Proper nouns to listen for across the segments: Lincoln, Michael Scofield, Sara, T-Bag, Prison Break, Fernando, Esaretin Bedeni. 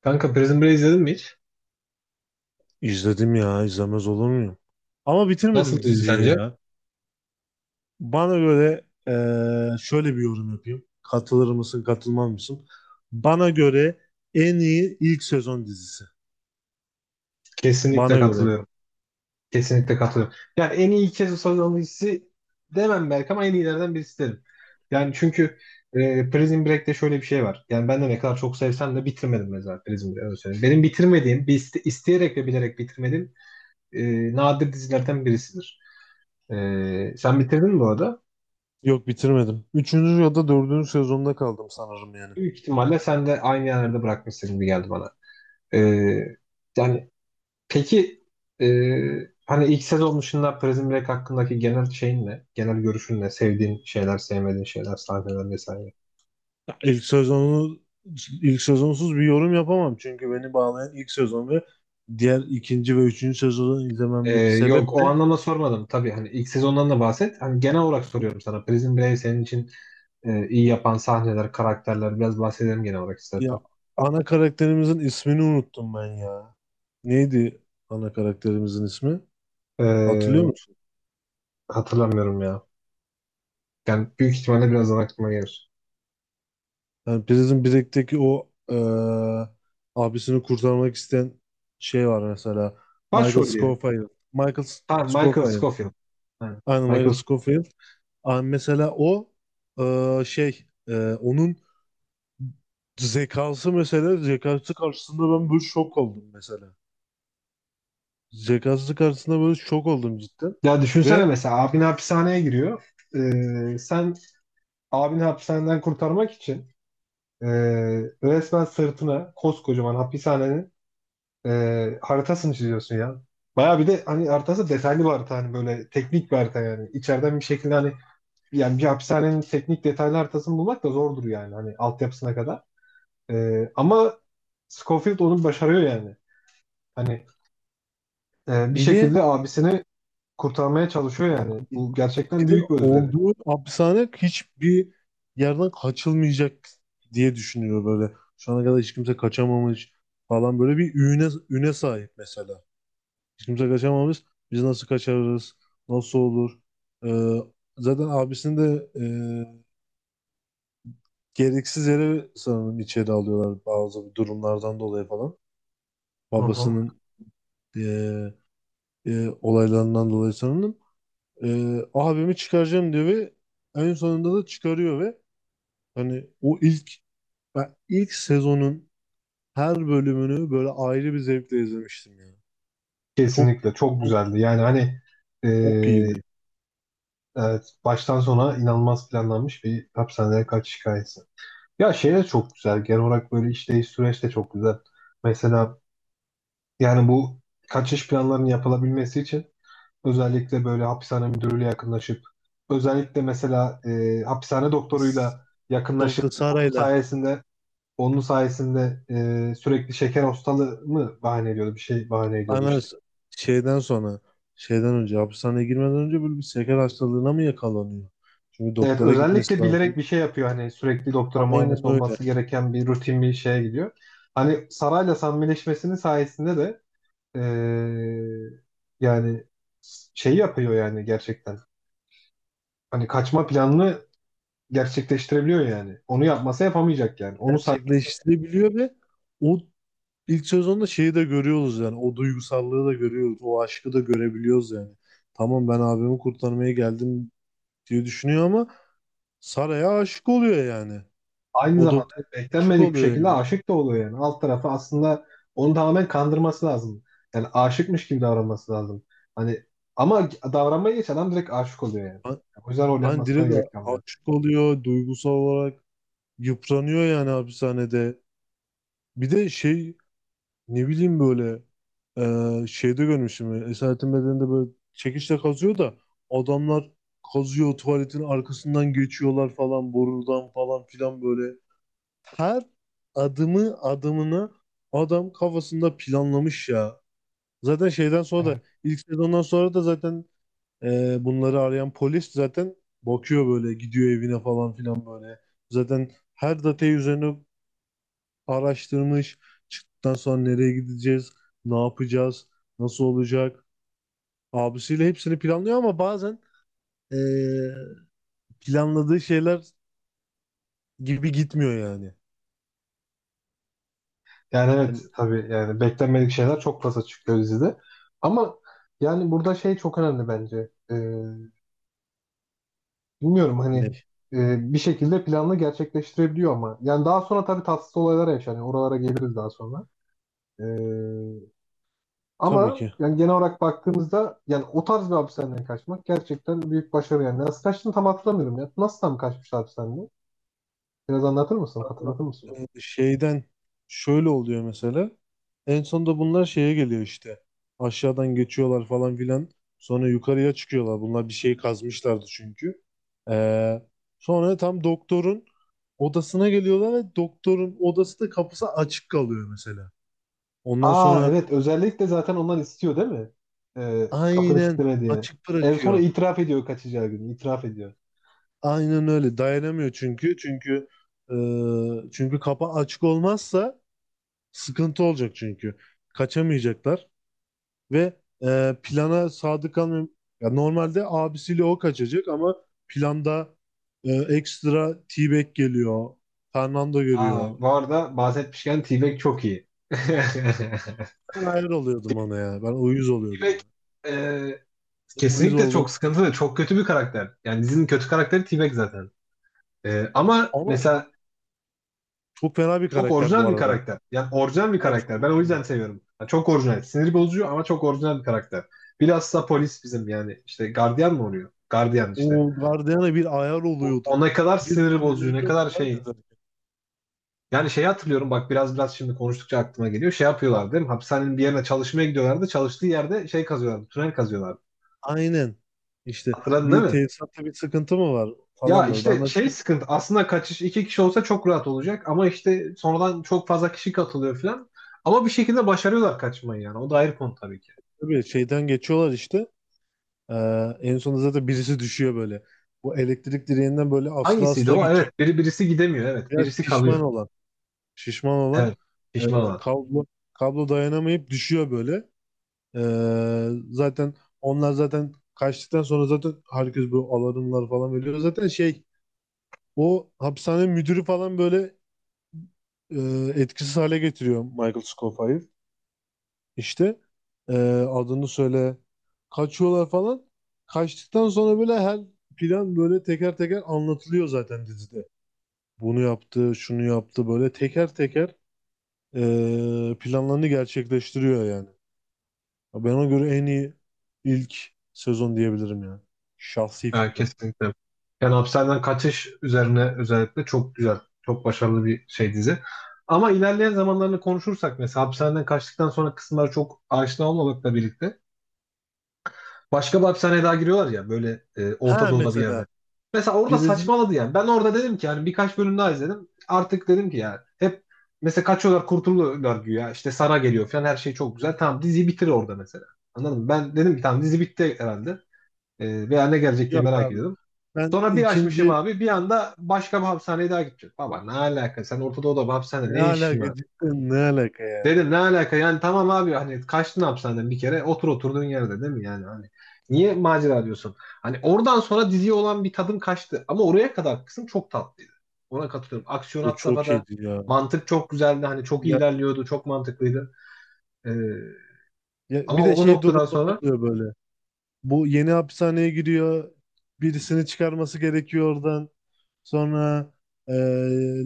Kanka Prison Break izledin mi hiç? İzledim ya izlemez olur muyum? Ama Nasıl bitirmedim bir dizi diziyi sence? ya. Bana göre şöyle bir yorum yapayım. Katılır mısın katılmaz mısın? Bana göre en iyi ilk sezon dizisi. Kesinlikle Bana göre. katılıyorum. Kesinlikle katılıyorum. Yani en iyi iki sezon dizisi demem belki ama en iyilerden birisi derim. Yani çünkü Prison Break'te şöyle bir şey var. Yani ben de ne kadar çok sevsem de bitirmedim mesela Prison Break'i. Öyle söyleyeyim. Benim bitirmediğim, isteyerek ve bilerek bitirmediğim nadir dizilerden birisidir. E, sen bitirdin mi bu arada? Yok bitirmedim. Üçüncü ya da dördüncü sezonda kaldım sanırım yani. Büyük ihtimalle sen de aynı yerlerde bırakmışsın gibi geldi bana. E, yani Peki, e, hani ilk sezon dışında Prison Break hakkındaki genel şeyin ne? Genel görüşün ne? Sevdiğin şeyler, sevmediğin şeyler, sahneler vesaire. Ya, ilk sezonsuz bir yorum yapamam. Çünkü beni bağlayan ilk sezon ve diğer ikinci ve üçüncü sezonu E, izlememdeki yok sebep o de, anlamda sormadım. Tabii hani ilk sezondan da bahset. Hani genel olarak soruyorum sana. Prison Break senin için iyi yapan sahneler, karakterler biraz bahsedelim genel olarak ya, istersen. ana karakterimizin ismini unuttum ben ya. Neydi ana karakterimizin ismi? Hatırlıyor E, musun? hatırlamıyorum ya. Yani büyük ihtimalle birazdan aklıma gelir. Yani Prison Break'teki o abisini kurtarmak isteyen şey var mesela. Michael Başrol diyelim. Scofield. Michael Ha, Michael Scofield. Scofield. Ha, Aynen Michael Michael Sc-. Scofield. Aa, mesela o şey onun zekası, mesela zekası karşısında ben böyle şok oldum mesela. Zekası karşısında böyle şok oldum cidden. Ya düşünsene Ve mesela abin hapishaneye giriyor. Sen abini hapishaneden kurtarmak için e, resmen sırtına koskocaman hapishanenin e, haritasını çiziyorsun ya. Baya bir de hani haritası detaylı bir harita, hani böyle teknik bir harita yani. İçeriden bir şekilde hani yani bir hapishanenin teknik detaylı haritasını bulmak da zordur yani hani altyapısına kadar. Ama Scofield onu başarıyor yani. Hani bir bir de şekilde abisini kurtarmaya çalışıyor yani. Bu Bir gerçekten de büyük bir özveri. olduğu hapishane hiçbir yerden kaçılmayacak diye düşünüyor böyle. Şu ana kadar hiç kimse kaçamamış falan, böyle bir üne sahip mesela. Hiç kimse kaçamamış. Biz nasıl kaçarız? Nasıl olur? Ee, zaten abisini de e, gereksiz yere sanırım içeri alıyorlar, bazı durumlardan dolayı falan. Hı hı. Babasının e, olaylarından dolayı sanırım. Abimi çıkaracağım diyor ve en sonunda da çıkarıyor ve hani, o ilk ben ilk sezonun her bölümünü böyle ayrı bir zevkle izlemiştim ya. Çok Kesinlikle çok çok güzeldi. Yani hani, e, çok iyiydi. evet, baştan sona inanılmaz planlanmış bir hapishaneye kaçış hikayesi. Ya şey de çok güzel. Genel olarak böyle işleyiş süreç de çok güzel. Mesela yani bu kaçış planlarının yapılabilmesi için özellikle böyle hapishane müdürüyle yakınlaşıp özellikle mesela hapishane S- doktoruyla yakınlaşıp Dr. onun Sara'yla, sayesinde onun sayesinde sürekli şeker hastalığı mı bahane ediyordu, bir şey bahane ediyordu aynen, işte. Şeyden sonra, şeyden önce, hapishaneye girmeden önce böyle bir şeker hastalığına mı yakalanıyor? Çünkü Evet, doktora gitmesi özellikle bilerek lazım. bir şey yapıyor hani sürekli doktora Aynen muayenesi öyle. olması gereken bir rutin bir şeye gidiyor. Hani Saray'la samimileşmesinin sayesinde de eee, yani şey yapıyor yani gerçekten. Hani kaçma planını gerçekleştirebiliyor yani. Onu yapmasa yapamayacak yani. Onu say-. Gerçekleştirebiliyor ve o ilk sezonda şeyi de görüyoruz yani. O duygusallığı da görüyoruz. O aşkı da görebiliyoruz yani. Tamam, ben abimi kurtarmaya geldim diye düşünüyor ama Sara'ya aşık oluyor yani. Aynı O zamanda doktor, aşık beklenmedik bir oluyor şekilde yani. aşık da oluyor yani. Alt tarafı aslında onu tamamen kandırması lazım. Yani aşıkmış gibi davranması lazım. Hani ama davranmaya geç, adam direkt aşık oluyor yani. Ha- O yüzden rol Hani yapmasına direkt gerek kalmıyor. aşık oluyor, duygusal olarak yıpranıyor yani hapishanede. Bir de şey, ne bileyim böyle şeyde görmüşüm. Esaretin Bedeni'nde böyle çekiçle kazıyor da, adamlar kazıyor, tuvaletin arkasından geçiyorlar falan, borudan falan filan böyle. Her adımını adam kafasında planlamış ya. Zaten şeyden sonra da, Evet. ilk sezondan sonra da zaten, bunları arayan polis zaten bakıyor, böyle gidiyor evine falan filan böyle. Zaten her datayı üzerine araştırmış. Çıktıktan sonra nereye gideceğiz, ne yapacağız, nasıl olacak. Abisiyle hepsini planlıyor ama bazen ee, planladığı şeyler gibi gitmiyor yani. Yani Hani evet tabii yani beklenmedik şeyler çok fazla çıkıyor dizide. Ama yani burada şey çok önemli bence. Bilmiyorum hani ne? Bir şekilde planını gerçekleştirebiliyor ama. Yani daha sonra tabii tatsız olaylar yaşanıyor. Oralara geliriz daha sonra. Ee, Tabii ama ki. yani genel olarak baktığımızda yani o tarz bir hapishaneden kaçmak gerçekten büyük başarı yani. Nasıl kaçtığını tam hatırlamıyorum ya. Nasıl tam kaçmıştı hapishaneden? Biraz anlatır mısın? Hatırlatır mısın? Şeyden şöyle oluyor mesela. En sonunda bunlar şeye geliyor işte. Aşağıdan geçiyorlar falan filan. Sonra yukarıya çıkıyorlar. Bunlar bir şey kazmışlardı çünkü. Ee, sonra tam doktorun odasına geliyorlar ve doktorun odası, da kapısı açık kalıyor mesela. Ondan Aa, sonra, evet, özellikle zaten onlar istiyor değil mi? Kapını aynen, kilitleme diye. açık En sonra bırakıyor. itiraf ediyor kaçacağı gün. İtiraf ediyor. Aynen öyle. Dayanamıyor çünkü. E, çünkü kapı açık olmazsa sıkıntı olacak çünkü. Kaçamayacaklar. Ve plana sadık kalmayan, ya normalde abisiyle o kaçacak ama planda ekstra T-Bag geliyor. Fernando görüyor. Aa, bu arada bahsetmişken T-Bag çok iyi. T-Bag Ben hayır oluyordum ona ya. Ben uyuz oluyordum ona. e, Ben uyuz kesinlikle oldum. çok sıkıntılı, çok kötü bir karakter. Yani dizinin kötü karakteri T-Bag zaten. Ama Ama mesela çok fena bir çok karakter bu orijinal bir arada. karakter. Yani orijinal bir Ben çok karakter. Ben o hoşuma. yüzden seviyorum. Yani çok orijinal. Sinir bozucu ama çok orijinal bir karakter. Bilhassa polis bizim yani. İşte gardiyan mı oluyor? Gardiyan işte. O Guardian'a bir ayar O, o oluyordum. ne kadar Bir sinir bozucu, ne sinirleniyordum, kadar var ya şey. zaten. Yani şey hatırlıyorum, bak biraz biraz şimdi konuştukça aklıma geliyor. Şey yapıyorlar değil mi? Hapishanenin bir yerine çalışmaya gidiyorlardı. Çalıştığı yerde şey kazıyorlardı. Tünel kazıyorlardı. Aynen. İşte Hatırladın değil bir mi? tesisatta bir sıkıntı mı var Ya falan böyle. Ben işte ben şey çok sıkıntı. Aslında kaçış iki kişi olsa çok rahat olacak. Ama işte sonradan çok fazla kişi katılıyor falan. Ama bir şekilde başarıyorlar kaçmayı yani. O da ayrı konu tabii ki. tabii şeyden geçiyorlar işte. Ee, en sonunda zaten birisi düşüyor böyle. Bu elektrik direğinden böyle, asla Hangisiydi asla o? gidecek. Evet, birisi gidemiyor. Evet, Biraz birisi şişman kalıyor. olan. Şişman olan, Evet, e, pişman olan. kablo kablo dayanamayıp düşüyor böyle. Zaten onlar zaten kaçtıktan sonra zaten herkes böyle alarmlar falan veriyor. Zaten şey, o hapishane müdürü falan böyle etkisiz hale getiriyor Michael Scofield. İşte e, adını söyle, kaçıyorlar falan. Kaçtıktan sonra böyle her plan böyle teker teker anlatılıyor zaten dizide. Bunu yaptı, şunu yaptı böyle teker teker planlarını gerçekleştiriyor yani. Ben, ona göre en iyi ilk sezon diyebilirim yani. Şahsi Evet, fikrim. kesinlikle. Yani hapishaneden kaçış üzerine özellikle çok güzel, çok başarılı bir şey dizi. Ama ilerleyen zamanlarını konuşursak mesela hapishaneden kaçtıktan sonra kısımları çok aşina olmamakla birlikte başka bir hapishaneye daha giriyorlar ya, böyle Orta Ha, Doğu'da bir mesela yerde. Mesela orada Brezilya, saçmaladı yani. Ben orada dedim ki yani birkaç bölüm daha izledim. Artık dedim ki ya hep mesela kaçıyorlar kurtuluyorlar güya. İşte Sara geliyor falan, her şey çok güzel. Tamam, diziyi bitir orada mesela. Anladın mı? Ben dedim ki tamam dizi bitti herhalde. Veya ne gelecek diye yok merak abi. ediyordum. Ben Sonra bir açmışım ikinci abi, bir anda başka bir hapishaneye daha gideceğim. Baba, ne alaka, sen Orta Doğu'da bir hapishanede Ne ne işin alaka, var? cidden ne alaka Dedim yani. ne alaka yani, tamam abi hani kaçtın hapishaneden bir kere, otur oturduğun yerde değil mi yani, hani niye macera diyorsun? Hani oradan sonra diziye olan bir tadım kaçtı ama oraya kadar kısım çok tatlıydı. Ona katılıyorum. Aksiyon O had çok safhada, iyiydi ya. mantık çok güzeldi, hani çok iyi Ya, ilerliyordu, çok mantıklıydı. Ee, ya, bir ama de o şey noktadan durumları sonra oluyor böyle. Bu yeni hapishaneye giriyor. Birisini çıkarması gerekiyor oradan. Sonra e,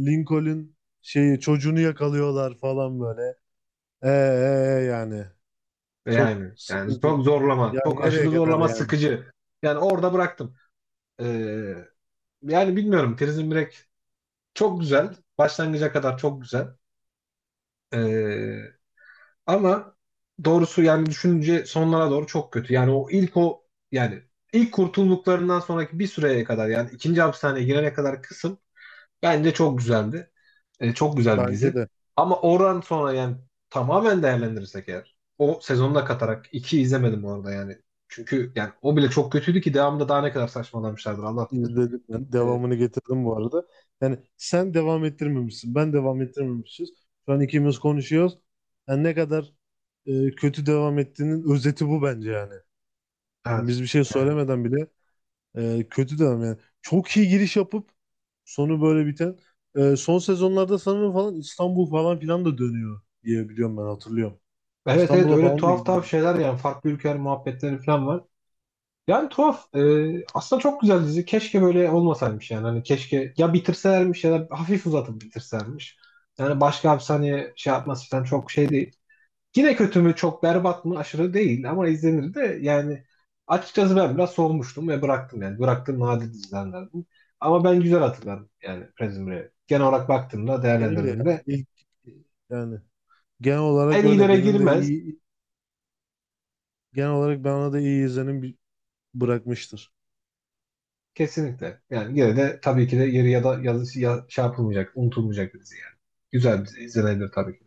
Lincoln şeyi, çocuğunu yakalıyorlar falan böyle. E, e, yani çok yani sıkıntı. çok zorlama, Ya çok aşırı nereye kadar zorlama, yani? sıkıcı. Yani orada bıraktım. Ee, yani bilmiyorum, Prison Break çok güzel başlangıca kadar çok güzel. Ee, Ama doğrusu yani düşününce sonlara doğru çok kötü. Yani o ilk o yani ilk kurtulduklarından sonraki bir süreye kadar, yani ikinci hapishaneye girene kadar kısım bence çok güzeldi. Çok güzel bir dizi. Bence de Ama oradan sonra yani tamamen değerlendirirsek eğer, o sezonu da katarak iki izlemedim orada yani. Çünkü yani o bile çok kötüydü ki devamında daha ne kadar saçmalamışlardır Allah bilir. izledim ben. E, Devamını getirdim bu arada. Yani sen devam ettirmemişsin. Ben devam ettirmemişiz. Şu an ikimiz konuşuyoruz. Yani ne kadar kötü devam ettiğinin özeti bu bence yani. evet. Biz bir şey Yani. söylemeden bile. Kötü demem yani. Çok iyi giriş yapıp sonu böyle biten. Son sezonlarda sanırım falan İstanbul falan filan da dönüyor diye biliyorum, ben hatırlıyorum. Evet, evet, İstanbul'a öyle falan da tuhaf tuhaf gidiyorlar. şeyler yani, farklı ülkeler muhabbetleri falan var. Yani tuhaf. Aslında çok güzel dizi. Keşke böyle olmasaymış yani. Hani keşke ya bitirselermiş ya da hafif uzatıp bitirselermiş. Yani başka hapishaneye şey yapması falan çok şey değil. Yine kötü mü, çok berbat mı, aşırı değil ama izlenir de yani açıkçası ben biraz soğumuştum ve bıraktım yani. Bıraktığım nadir dizilerden. Ama ben güzel hatırlarım yani Prison Break'i. Genel olarak baktığımda, Benim de, yani, değerlendirdiğimde ilk yani genel olarak en öyle. iyilere Benim de girmez. iyi Genel olarak ben ona da iyi izlenim bırakmıştır. Kesinlikle. Yani yine de tabii ki de yeri ya da yazı ya, şey yapılmayacak, unutulmayacak bir dizi yani. Güzel bir dizi, izlenebilir tabii ki.